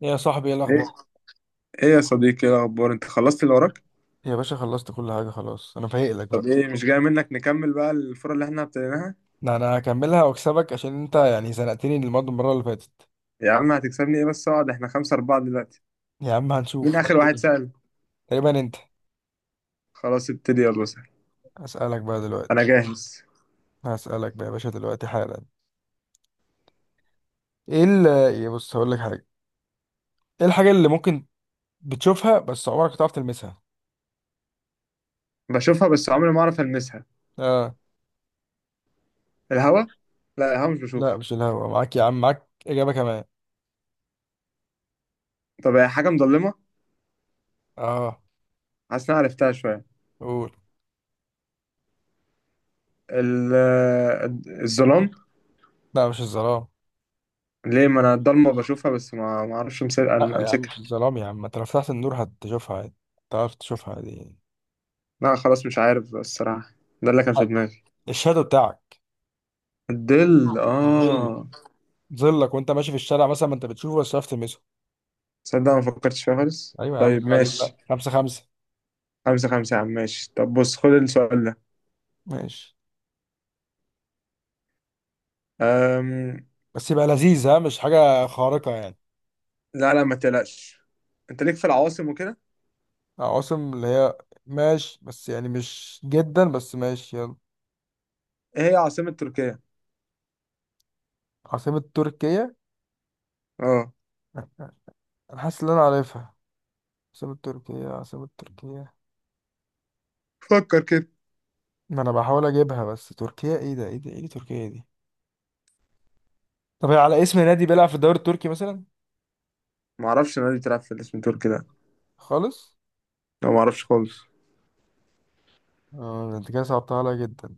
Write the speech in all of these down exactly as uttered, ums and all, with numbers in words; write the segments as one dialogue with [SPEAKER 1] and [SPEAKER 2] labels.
[SPEAKER 1] يا صاحبي، ايه
[SPEAKER 2] ايه
[SPEAKER 1] الاخبار؟
[SPEAKER 2] ايه يا صديقي، ايه الاخبار؟ انت خلصت اللي وراك؟
[SPEAKER 1] يا باشا، خلصت كل حاجة. خلاص، أنا فايق لك
[SPEAKER 2] طب
[SPEAKER 1] بقى.
[SPEAKER 2] ايه مش جاي منك نكمل بقى الفرق اللي احنا ابتديناها.
[SPEAKER 1] ده انا هكملها واكسبك، عشان انت يعني زنقتني المره المره اللي فاتت.
[SPEAKER 2] يا عم هتكسبني ايه بس؟ اقعد، احنا خمسة اربعة دلوقتي.
[SPEAKER 1] يا عم
[SPEAKER 2] مين
[SPEAKER 1] هنشوف.
[SPEAKER 2] اخر واحد سأل؟
[SPEAKER 1] تقريبا انت.
[SPEAKER 2] خلاص ابتدي يلا سهل،
[SPEAKER 1] هسألك بقى
[SPEAKER 2] انا
[SPEAKER 1] دلوقتي.
[SPEAKER 2] جاهز.
[SPEAKER 1] هسألك بقى يا باشا دلوقتي حالا. إيه ال يا بص، هقول لك حاجة. ايه الحاجه اللي ممكن بتشوفها بس عمرك ما تعرف تلمسها؟
[SPEAKER 2] بشوفها بس عمري ما اعرف المسها.
[SPEAKER 1] اه.
[SPEAKER 2] الهوا. لا الهوا مش
[SPEAKER 1] لا،
[SPEAKER 2] بشوفه.
[SPEAKER 1] مش الهوا. معاك يا عم، معاك اجابه كمان.
[SPEAKER 2] طب هي حاجة مظلمة؟
[SPEAKER 1] اه.
[SPEAKER 2] حاسس إن أنا عرفتها شوية.
[SPEAKER 1] قول.
[SPEAKER 2] ال- الظلام.
[SPEAKER 1] لا، مش الظلام.
[SPEAKER 2] ليه؟ ما انا الضلمة بشوفها بس ما ما اعرفش أمس-
[SPEAKER 1] لا يا عم مش
[SPEAKER 2] امسكها.
[SPEAKER 1] الظلام، يا عم انت لو فتحت النور هتشوفها عادي. تعرف تشوفها عادي.
[SPEAKER 2] لا خلاص مش عارف الصراحة، ده اللي كان في
[SPEAKER 1] حق.
[SPEAKER 2] دماغي.
[SPEAKER 1] الشادو بتاعك.
[SPEAKER 2] الظل،
[SPEAKER 1] الظل.
[SPEAKER 2] اه.
[SPEAKER 1] ظلك وانت ماشي في الشارع مثلا ما انت بتشوفه بس مش عارف تلمسه.
[SPEAKER 2] تصدق ما فكرتش فيها خالص،
[SPEAKER 1] ايوه يا عم،
[SPEAKER 2] طيب
[SPEAKER 1] شكرا عليك بقى.
[SPEAKER 2] ماشي.
[SPEAKER 1] خمسة خمسة.
[SPEAKER 2] خمسة خمسة يا عم ماشي. طب بص خد السؤال ده.
[SPEAKER 1] ماشي.
[SPEAKER 2] أم...
[SPEAKER 1] بس يبقى لذيذ، ها؟ مش حاجة خارقة يعني.
[SPEAKER 2] لا لا ما تقلقش. انت ليك في العواصم وكده.
[SPEAKER 1] عواصم اللي هي؟ ماشي، بس يعني مش جدا، بس ماشي يلا.
[SPEAKER 2] ايه هي عاصمة تركيا؟
[SPEAKER 1] عاصمة تركيا.
[SPEAKER 2] اه
[SPEAKER 1] انا حاسس ان انا عارفها. عاصمة تركيا، عاصمة تركيا.
[SPEAKER 2] فكر كده.
[SPEAKER 1] ما انا بحاول اجيبها، بس تركيا، ايه ده ايه ده ايه دي تركيا دي. طب هي على اسم نادي بيلعب في الدوري التركي مثلا؟
[SPEAKER 2] ما اعرفش نادي بتلعب في الاسم تركي ده.
[SPEAKER 1] خالص.
[SPEAKER 2] لا ما اعرفش خالص.
[SPEAKER 1] اه ده انت كده صعبتها عليا جدا.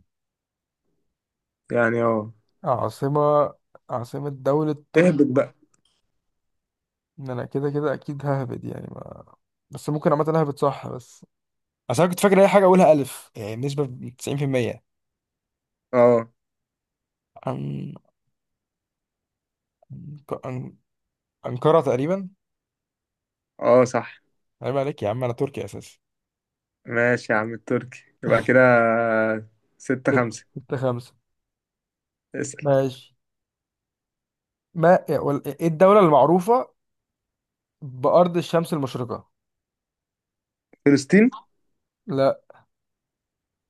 [SPEAKER 2] يعني اه.
[SPEAKER 1] عاصمة. عاصمة دولة
[SPEAKER 2] اهبط
[SPEAKER 1] تركيا.
[SPEAKER 2] بقى.
[SPEAKER 1] ان انا كده كده اكيد ههبد يعني، بس ممكن عامة اهبط صح. بس اصل انا كنت فاكر اي حاجه اقولها الف يعني، بنسبه تسعين في المية.
[SPEAKER 2] اه.
[SPEAKER 1] عن عن انقره تقريبا.
[SPEAKER 2] اه صح
[SPEAKER 1] عيب عليك يا عم، انا تركي اساسا.
[SPEAKER 2] ماشي يا عم التركي يبقى كده. ستة
[SPEAKER 1] ستة
[SPEAKER 2] خمسة.
[SPEAKER 1] ستة خمسة.
[SPEAKER 2] اسأل.
[SPEAKER 1] ماشي. ما إيه وال- إيه الدولة المعروفة بأرض الشمس المشرقة؟
[SPEAKER 2] فلسطين.
[SPEAKER 1] لا.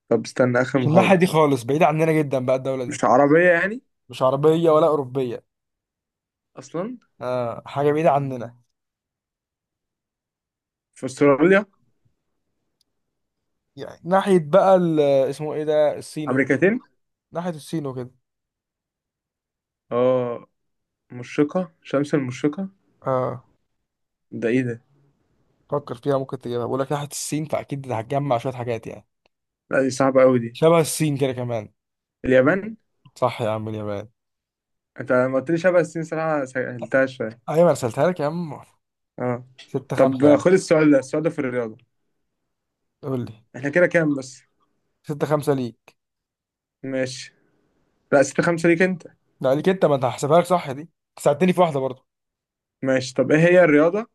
[SPEAKER 2] طب استنى آخر
[SPEAKER 1] مش الناحيه
[SPEAKER 2] محاولة.
[SPEAKER 1] دي خالص، بعيده عننا جدا بقى الدوله دي.
[SPEAKER 2] مش عربية يعني؟
[SPEAKER 1] مش عربية ولا أوروبية.
[SPEAKER 2] أصلا
[SPEAKER 1] آه، حاجه بعيده عننا.
[SPEAKER 2] في أستراليا؟
[SPEAKER 1] يعني ناحية بقى ال- اسمه إيه ده، الصين.
[SPEAKER 2] أمريكتين؟
[SPEAKER 1] ناحية الصين وكده.
[SPEAKER 2] اه مشرقة، شمس المشرقة.
[SPEAKER 1] آه.
[SPEAKER 2] ده ايه ده؟
[SPEAKER 1] فكر فيها ممكن تجيبها، بقول لك ناحية ناحيه الصين، فاكيد هتجمع شويه حاجات يعني.
[SPEAKER 2] لا دي صعبة قوي دي.
[SPEAKER 1] شبه الصين كده كمان.
[SPEAKER 2] اليابان.
[SPEAKER 1] صح يا عم، اليابان.
[SPEAKER 2] انت لما قلت لي شبه الصين صراحة سهلتها شوية.
[SPEAKER 1] ايوه انا رسلتها لك يا عم.
[SPEAKER 2] اه.
[SPEAKER 1] ستة خمسة يا
[SPEAKER 2] طب
[SPEAKER 1] عم.
[SPEAKER 2] خد السؤال ده، السؤال ده في الرياضة.
[SPEAKER 1] قول لي.
[SPEAKER 2] احنا كده كام بس؟
[SPEAKER 1] ستة خمسة ليك.
[SPEAKER 2] ماشي. لا ستة خمسة ليك انت.
[SPEAKER 1] لا، ليك انت. ما انت هحسبها لك صح دي، ساعدتني في واحده برضه.
[SPEAKER 2] ماشي. طب ايه هي الرياضة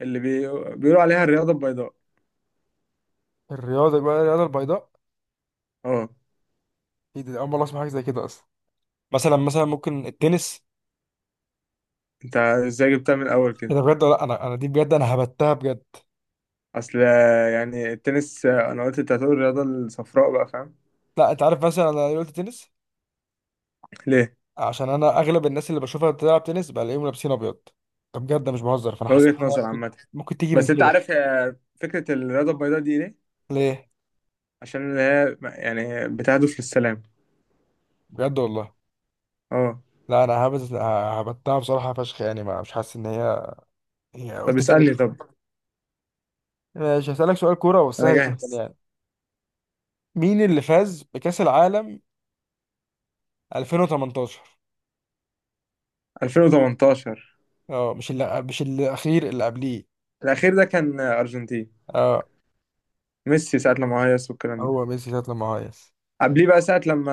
[SPEAKER 2] اللي بي... بيقولوا عليها الرياضة البيضاء؟
[SPEAKER 1] الرياضه بقى، الرياضه البيضاء.
[SPEAKER 2] اه.
[SPEAKER 1] ايه ده، اول مره اسمع حاجه زي كده اصلا. مثلا مثلا ممكن التنس.
[SPEAKER 2] انت ازاي جبتها من الاول
[SPEAKER 1] ايه
[SPEAKER 2] كده؟
[SPEAKER 1] ده بجد ولا لا؟ انا انا دي بجد، انا هبتها بجد.
[SPEAKER 2] اصل آه، يعني التنس. آه، انا قلت انت هتقول الرياضة الصفراء بقى، فاهم؟
[SPEAKER 1] لا، انت عارف مثلا انا ليه قلت تنس؟
[SPEAKER 2] ليه؟
[SPEAKER 1] عشان انا اغلب الناس اللي بشوفها بتلعب تنس بلاقيهم لابسين ابيض. ده بجد، ده مش بهزر، فانا حسيت إنها
[SPEAKER 2] وجهة نظر
[SPEAKER 1] ممكن.
[SPEAKER 2] عامة.
[SPEAKER 1] ممكن تيجي من
[SPEAKER 2] بس انت
[SPEAKER 1] كده.
[SPEAKER 2] عارف آه، فكرة الرياضة البيضاء دي ليه؟
[SPEAKER 1] ليه؟
[SPEAKER 2] عشان هي يعني بتهدف للسلام.
[SPEAKER 1] بجد والله؟
[SPEAKER 2] اه.
[SPEAKER 1] لا انا هبت هبتها بصراحه فشخ يعني، ما مش حاسس ان هي. هي
[SPEAKER 2] طب
[SPEAKER 1] قلت تاني.
[SPEAKER 2] اسألني طب.
[SPEAKER 1] ماشي، هسألك سؤال كوره
[SPEAKER 2] انا
[SPEAKER 1] وسهل جدا
[SPEAKER 2] جاهز.
[SPEAKER 1] يعني. مين اللي فاز بكأس العالم ألفين وثمانية عشر؟
[SPEAKER 2] ألفين وتمنتاشر.
[SPEAKER 1] اه، مش اللي، مش الاخير، اللي قبليه.
[SPEAKER 2] الاخير ده كان ارجنتين.
[SPEAKER 1] اه.
[SPEAKER 2] ميسي ساعة لما هيص والكلام ده.
[SPEAKER 1] هو ميسي ساعه لما هيص.
[SPEAKER 2] قبليه بقى ساعة لما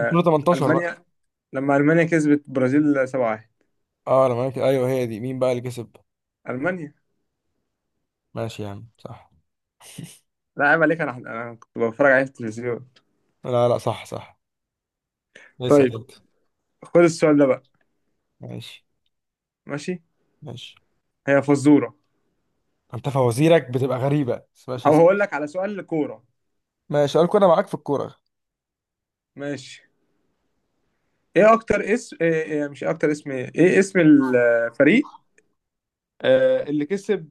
[SPEAKER 1] ألفين وتمنتاشر بقى.
[SPEAKER 2] المانيا. لما المانيا كسبت برازيل سبعة لواحد.
[SPEAKER 1] اه لما كده، ايوه، هي دي، مين بقى اللي كسب؟
[SPEAKER 2] المانيا.
[SPEAKER 1] ماشي يا عم صح.
[SPEAKER 2] لا عيب عليك، انا انا كنت بتفرج عليه في التلفزيون.
[SPEAKER 1] لا لا، صح صح. اسأل
[SPEAKER 2] طيب
[SPEAKER 1] انت.
[SPEAKER 2] خد السؤال ده بقى.
[SPEAKER 1] ماشي.
[SPEAKER 2] ماشي.
[SPEAKER 1] ماشي.
[SPEAKER 2] هي فزورة.
[SPEAKER 1] انت فوازيرك بتبقى غريبه، بس ماشي
[SPEAKER 2] او
[SPEAKER 1] اسأل.
[SPEAKER 2] هقول لك على سؤال كورة.
[SPEAKER 1] ماشي، سؤال كوره، معاك في الكوره.
[SPEAKER 2] ماشي. ايه اكتر اسم، إيه إيه مش إيه اكتر اسم، ايه إيه اسم الفريق، آه اللي كسب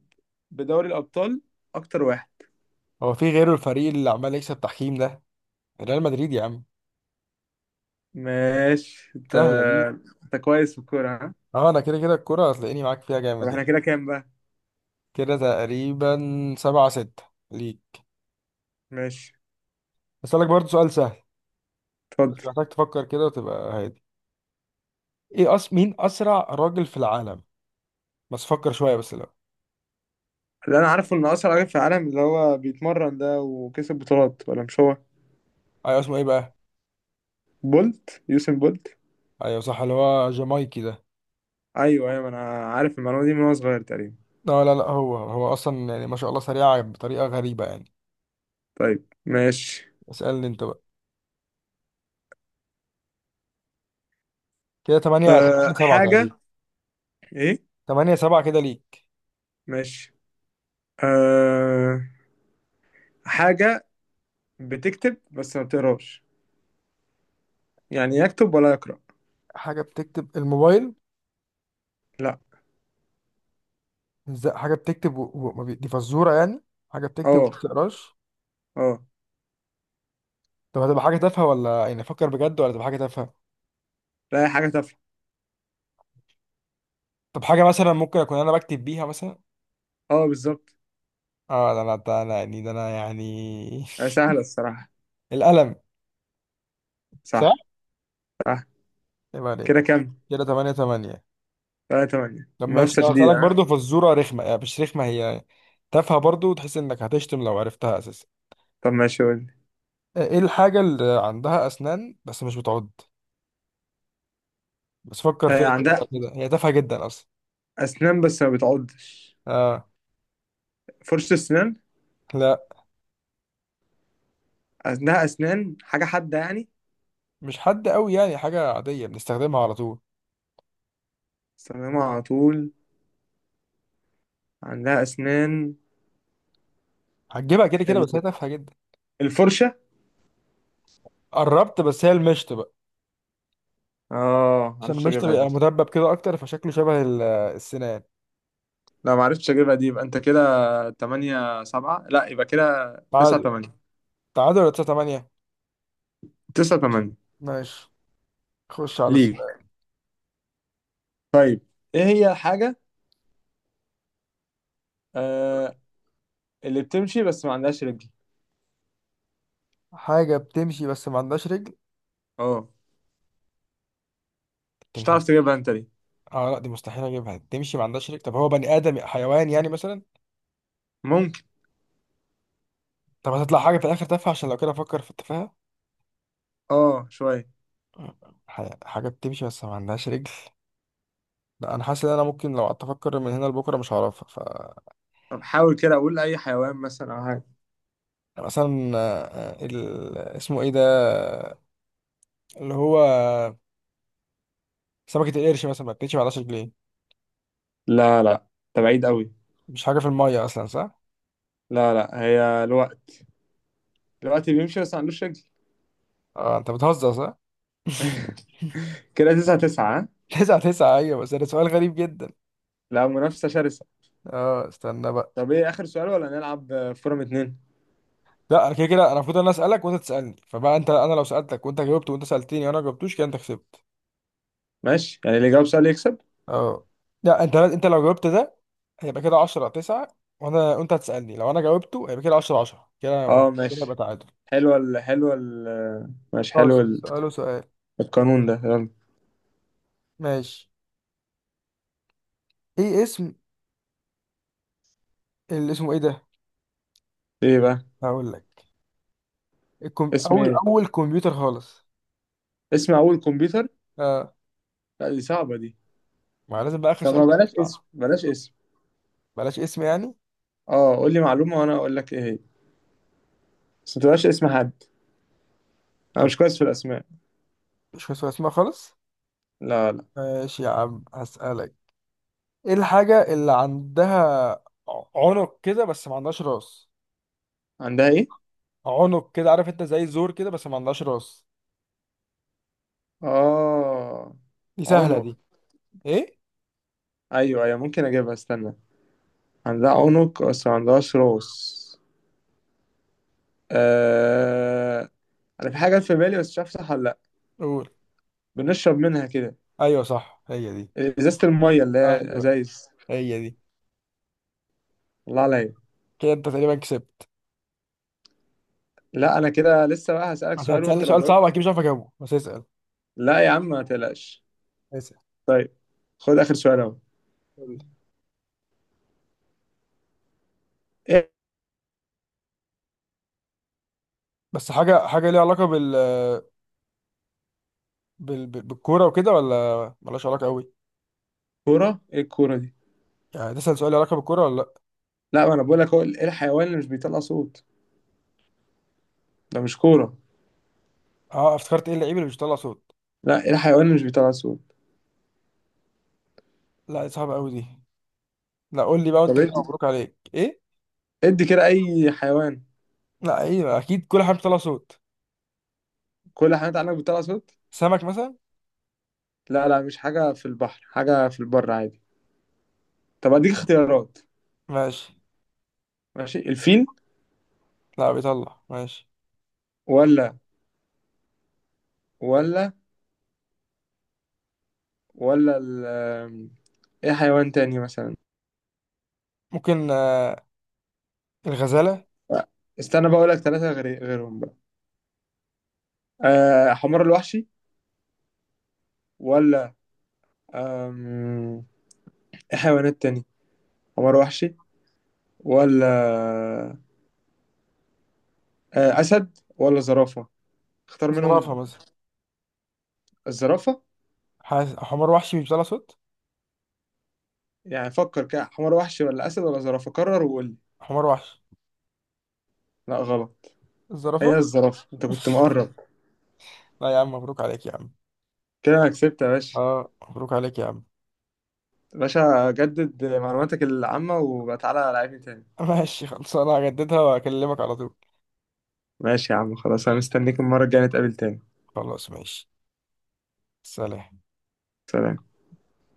[SPEAKER 2] بدوري الأبطال أكتر واحد؟
[SPEAKER 1] هو في غيره الفريق اللي عمال يكسب تحكيم ده؟ ريال مدريد يا عم.
[SPEAKER 2] ماشي أنت.
[SPEAKER 1] سهلة دي.
[SPEAKER 2] أنت كويس في الكورة ها؟
[SPEAKER 1] اه، انا كده كده الكرة هتلاقيني معاك فيها
[SPEAKER 2] طب
[SPEAKER 1] جامد
[SPEAKER 2] إحنا
[SPEAKER 1] يعني.
[SPEAKER 2] كده كام بقى؟
[SPEAKER 1] كده تقريبا. سبعة ستة ليك.
[SPEAKER 2] ماشي.
[SPEAKER 1] اسألك برضو سؤال سهل، بس
[SPEAKER 2] اتفضل.
[SPEAKER 1] محتاج تفكر كده وتبقى هادي. ايه أس... مين اسرع راجل في العالم؟ بس فكر شوية بس لو.
[SPEAKER 2] اللي أنا عارفه إن أسرع راجل في العالم اللي هو بيتمرن ده وكسب بطولات، ولا مش هو؟
[SPEAKER 1] ايوه، اسمه ايه بقى؟
[SPEAKER 2] بولت، يوسين بولت.
[SPEAKER 1] ايوه صح، اللي هو جامايكي ده.
[SPEAKER 2] أيوه أيوه، أنا عارف المعلومة دي من وأنا صغير تقريبا.
[SPEAKER 1] لا لا لا، هو هو اصلا يعني ما شاء الله سريع بطريقة غريبة يعني.
[SPEAKER 2] طيب ماشي.
[SPEAKER 1] اسألني انت بقى. كده تمانية تمانية
[SPEAKER 2] أه
[SPEAKER 1] سبعة تقريبا.
[SPEAKER 2] حاجة. إيه؟
[SPEAKER 1] تمانية سبعة كده ليك.
[SPEAKER 2] ماشي. أه حاجة بتكتب بس ما بتقراش، يعني يكتب ولا يقرأ.
[SPEAKER 1] حاجة بتكتب الموبايل.
[SPEAKER 2] لا.
[SPEAKER 1] ازاي حاجة بتكتب و... و... ما بي- دي فزورة يعني. حاجة بتكتب وما
[SPEAKER 2] اه.
[SPEAKER 1] بتقراش.
[SPEAKER 2] اه.
[SPEAKER 1] طب هتبقى حاجة تافهة ولا يعني أفكر بجد، ولا تبقى حاجة تافهة؟
[SPEAKER 2] لا هي حاجة تافهة.
[SPEAKER 1] طب حاجة مثلا ممكن أكون أنا بكتب بيها مثلا؟
[SPEAKER 2] اه بالظبط.
[SPEAKER 1] آه، ده أنا، ده أنا يعني، ده أنا يعني.
[SPEAKER 2] آه، سهلة الصراحة.
[SPEAKER 1] القلم. صح؟
[SPEAKER 2] صح. صح.
[SPEAKER 1] يبقى عليك.
[SPEAKER 2] كده كام؟
[SPEAKER 1] كده تمانية تمانية.
[SPEAKER 2] تلاتة تمانية،
[SPEAKER 1] طب ماشي،
[SPEAKER 2] منافسة
[SPEAKER 1] ده
[SPEAKER 2] شديدة
[SPEAKER 1] هسألك
[SPEAKER 2] ها؟
[SPEAKER 1] برضه فزورة رخمة يعني، مش رخمة هي، تافهة برضه، وتحس إنك هتشتم لو عرفتها أساسا.
[SPEAKER 2] طب ماشي قول لي.
[SPEAKER 1] آه، إيه الحاجة اللي عندها أسنان بس مش بتعض؟ بس فكر
[SPEAKER 2] آه
[SPEAKER 1] فيها كده
[SPEAKER 2] عندها
[SPEAKER 1] كده، هي تافهة جدا أصلا.
[SPEAKER 2] أسنان بس ما بتعضش.
[SPEAKER 1] آه.
[SPEAKER 2] فرشة أسنان.
[SPEAKER 1] لا،
[SPEAKER 2] عندها أسنان، حاجة حادة يعني.
[SPEAKER 1] مش حد قوي يعني، حاجة عادية بنستخدمها على طول.
[SPEAKER 2] بستخدمها على طول. عندها أسنان.
[SPEAKER 1] هتجيبها كده كده، بس هي
[SPEAKER 2] ال-
[SPEAKER 1] تافهة جدا.
[SPEAKER 2] الفرشة.
[SPEAKER 1] قربت، بس هي المشط.
[SPEAKER 2] اه
[SPEAKER 1] عشان
[SPEAKER 2] معرفتش
[SPEAKER 1] المشط
[SPEAKER 2] أجيبها دي.
[SPEAKER 1] بيبقى مدبب كده اكتر، فشكله شبه ال- السنان.
[SPEAKER 2] لا معرفتش أجيبها دي، يبقى أنت كده تمانية سبعة. لا يبقى كده تسعة
[SPEAKER 1] تعادل.
[SPEAKER 2] تمانية.
[SPEAKER 1] تعادل ولا تسعة تمانية.
[SPEAKER 2] تسعة تمانية
[SPEAKER 1] ماشي. خش على
[SPEAKER 2] ليك.
[SPEAKER 1] السؤال.
[SPEAKER 2] طيب إيه هي الحاجة آه اللي بتمشي بس ما عندهاش رجل؟
[SPEAKER 1] حاجة بتمشي بس ما عندهاش رجل.
[SPEAKER 2] اه مش
[SPEAKER 1] بتمشي.
[SPEAKER 2] هتعرف تجيبها انت دي.
[SPEAKER 1] اه، لا دي مستحيل اجيبها. تمشي ما عندهاش رجل، طب هو بني ادم حيوان يعني مثلا؟
[SPEAKER 2] ممكن.
[SPEAKER 1] طب هتطلع حاجة في الاخر تافهة، عشان لو كده افكر في التفاهة.
[SPEAKER 2] اه شوية.
[SPEAKER 1] ح- حاجة بتمشي بس ما عندهاش رجل. لا انا حاسس ان انا ممكن لو قعدت افكر من هنا لبكره مش هعرفها ف.
[SPEAKER 2] طب حاول كده، اقول اي حيوان مثلا او حاجة.
[SPEAKER 1] يعني مثلا آه، ال... اسمه ايه ده، اللي هو سمكة القرش مثلا، ما بتمشي ما عندهاش رجلين.
[SPEAKER 2] لا لا، ده بعيد قوي.
[SPEAKER 1] مش حاجة في المية اصلا، صح؟
[SPEAKER 2] لا لا، هي الوقت. الوقت بيمشي بس ما عندوش رجل.
[SPEAKER 1] اه، انت بتهزر صح؟
[SPEAKER 2] كده تسعة تسعة ها؟
[SPEAKER 1] تسعة تسعة، ايوه، بس ده سؤال غريب جدا.
[SPEAKER 2] لا منافسة شرسة.
[SPEAKER 1] اه استنى بقى.
[SPEAKER 2] طب ايه اخر سؤال ولا نلعب آه، فورم اتنين؟
[SPEAKER 1] لا انا كده كده، انا المفروض انا اسالك وانت تسالني، فبقى انت، انا لو سالتك وانت جاوبت، وانت سالتني وانا ما جاوبتوش، كده انت كسبت.
[SPEAKER 2] ماشي، يعني اللي يجاوب سؤال يكسب.
[SPEAKER 1] اه. لا، انت انت لو جاوبت ده هيبقى كده عشرة تسعة. وانا، وانت هتسالني لو انا جاوبته هيبقى كده عشرة عشرة. كده يبقى-
[SPEAKER 2] اه
[SPEAKER 1] كده يبقى
[SPEAKER 2] ماشي.
[SPEAKER 1] تعادل.
[SPEAKER 2] حلوة ال حلوة ال ماشي حلو
[SPEAKER 1] خلاص،
[SPEAKER 2] ال-
[SPEAKER 1] سأله سؤال.
[SPEAKER 2] القانون ده يلا.
[SPEAKER 1] ماشي. ايه اسم، اللي اسمه ايه ده.
[SPEAKER 2] ايه بقى؟
[SPEAKER 1] هقول لك. الكم...
[SPEAKER 2] اسم
[SPEAKER 1] اول
[SPEAKER 2] ايه؟
[SPEAKER 1] اول كمبيوتر خالص.
[SPEAKER 2] اسم اول كمبيوتر؟
[SPEAKER 1] اه.
[SPEAKER 2] لا دي صعبة دي.
[SPEAKER 1] ما لازم بقى اخر
[SPEAKER 2] طب
[SPEAKER 1] سؤال.
[SPEAKER 2] ما بلاش اسم،
[SPEAKER 1] بقى.
[SPEAKER 2] بلاش اسم.
[SPEAKER 1] بلاش اسم يعني.
[SPEAKER 2] اه قول لي معلومة وانا اقول لك ايه هي، بس ما تبقاش اسم حد. انا مش كويس في الاسماء.
[SPEAKER 1] مش فاكر اسمها خالص.
[SPEAKER 2] لا لا.
[SPEAKER 1] ماشي يا عم هسألك. ايه الحاجة اللي عندها ع- عنق كده، بس ما عندهاش راس؟
[SPEAKER 2] عندها ايه؟
[SPEAKER 1] عنق كده، عارف انت زي زور كده، بس ما عندهاش راس.
[SPEAKER 2] اه.
[SPEAKER 1] دي سهلة
[SPEAKER 2] عنق.
[SPEAKER 1] دي. ايه؟
[SPEAKER 2] ايوه ايوه ممكن اجيبها استنى. عندها عنق بس ما عندهاش راس. آه... انا في حاجه في بالي بس مش عارف صح ولا لا.
[SPEAKER 1] قول.
[SPEAKER 2] بنشرب منها كده.
[SPEAKER 1] ايوه صح، هي دي.
[SPEAKER 2] ازازه الميه اللي هي
[SPEAKER 1] ايوه،
[SPEAKER 2] ازايز.
[SPEAKER 1] هي دي.
[SPEAKER 2] الله عليا.
[SPEAKER 1] كده انت تقريبا كسبت.
[SPEAKER 2] لا انا كده لسه بقى هسألك
[SPEAKER 1] انت
[SPEAKER 2] سؤال
[SPEAKER 1] هتسألني
[SPEAKER 2] وانت لو
[SPEAKER 1] سؤال صعب
[SPEAKER 2] جاوبت.
[SPEAKER 1] اكيد مش عارف اجاوبه، بس اسأل.
[SPEAKER 2] لا يا عم ما تقلقش.
[SPEAKER 1] اسأل.
[SPEAKER 2] طيب خد اخر سؤال اهو.
[SPEAKER 1] قول لي.
[SPEAKER 2] ايه؟
[SPEAKER 1] بس حاجة حاجة ليها علاقة بال بال بال- بالكورة وكده، ولا ملهاش علاقة قوي؟
[SPEAKER 2] الكوره؟ ايه الكوره دي؟
[SPEAKER 1] يعني تسأل سؤال ليه علاقة بالكورة ولا لا.
[SPEAKER 2] لا ما انا بقول لك، هو ايه الحيوان اللي مش بيطلع صوت؟ ده مش كوره.
[SPEAKER 1] اه افتكرت. ايه اللعيب اللي مش بيطلع صوت؟
[SPEAKER 2] لا ايه الحيوان اللي مش بيطلع صوت؟
[SPEAKER 1] لا دي صعبة قوي دي. لا قول لي بقى، وانت
[SPEAKER 2] طب
[SPEAKER 1] كده
[SPEAKER 2] إيه؟
[SPEAKER 1] مبروك عليك. ايه؟
[SPEAKER 2] ادي كده اي حيوان.
[SPEAKER 1] لا ايوه، اكيد كل حاجه بتطلع صوت.
[SPEAKER 2] كل الحيوانات عندك بتطلع صوت؟
[SPEAKER 1] سمك مثلا.
[SPEAKER 2] لا لا، مش حاجه في البحر، حاجه في البر عادي. طب اديك اختيارات.
[SPEAKER 1] ماشي.
[SPEAKER 2] ماشي، الفيل،
[SPEAKER 1] لا، بيطلع. ماشي.
[SPEAKER 2] ولا، ولا، ولا ال ايه حيوان تاني مثلا؟
[SPEAKER 1] ممكن آه، الغزاله.
[SPEAKER 2] لا، استنى بقى اقول لك ثلاثه غير غيرهم بقى. أه حمار الوحشي، ولا، آم، ايه حيوانات تاني؟ حمار وحشي، ولا، أه اسد، ولا زرافه؟ اختار
[SPEAKER 1] زرافه
[SPEAKER 2] منهم.
[SPEAKER 1] مثلا.
[SPEAKER 2] الزرافه.
[SPEAKER 1] حاس... حمار وحشي مش بيطلع صوت.
[SPEAKER 2] يعني فكر كده، حمار وحشي ولا اسد ولا زرافه؟ قرر وقول لي.
[SPEAKER 1] حمار وحشي.
[SPEAKER 2] لا غلط. هي
[SPEAKER 1] الزرافه.
[SPEAKER 2] الزرافة، انت كنت مقرب.
[SPEAKER 1] لا يا عم، مبروك عليك يا عم.
[SPEAKER 2] كده انا كسبت يا باشا.
[SPEAKER 1] اه، مبروك عليك يا عم.
[SPEAKER 2] يا باشا جدد معلوماتك العامة وبقى تعالى لعبني تاني.
[SPEAKER 1] ماشي خلاص، انا هجددها واكلمك على طول.
[SPEAKER 2] ماشي يا عم خلاص، انا
[SPEAKER 1] ماشي.
[SPEAKER 2] مستنيك المرة الجاية نتقابل تاني.
[SPEAKER 1] خلاص ماشي. سلام.
[SPEAKER 2] سلام.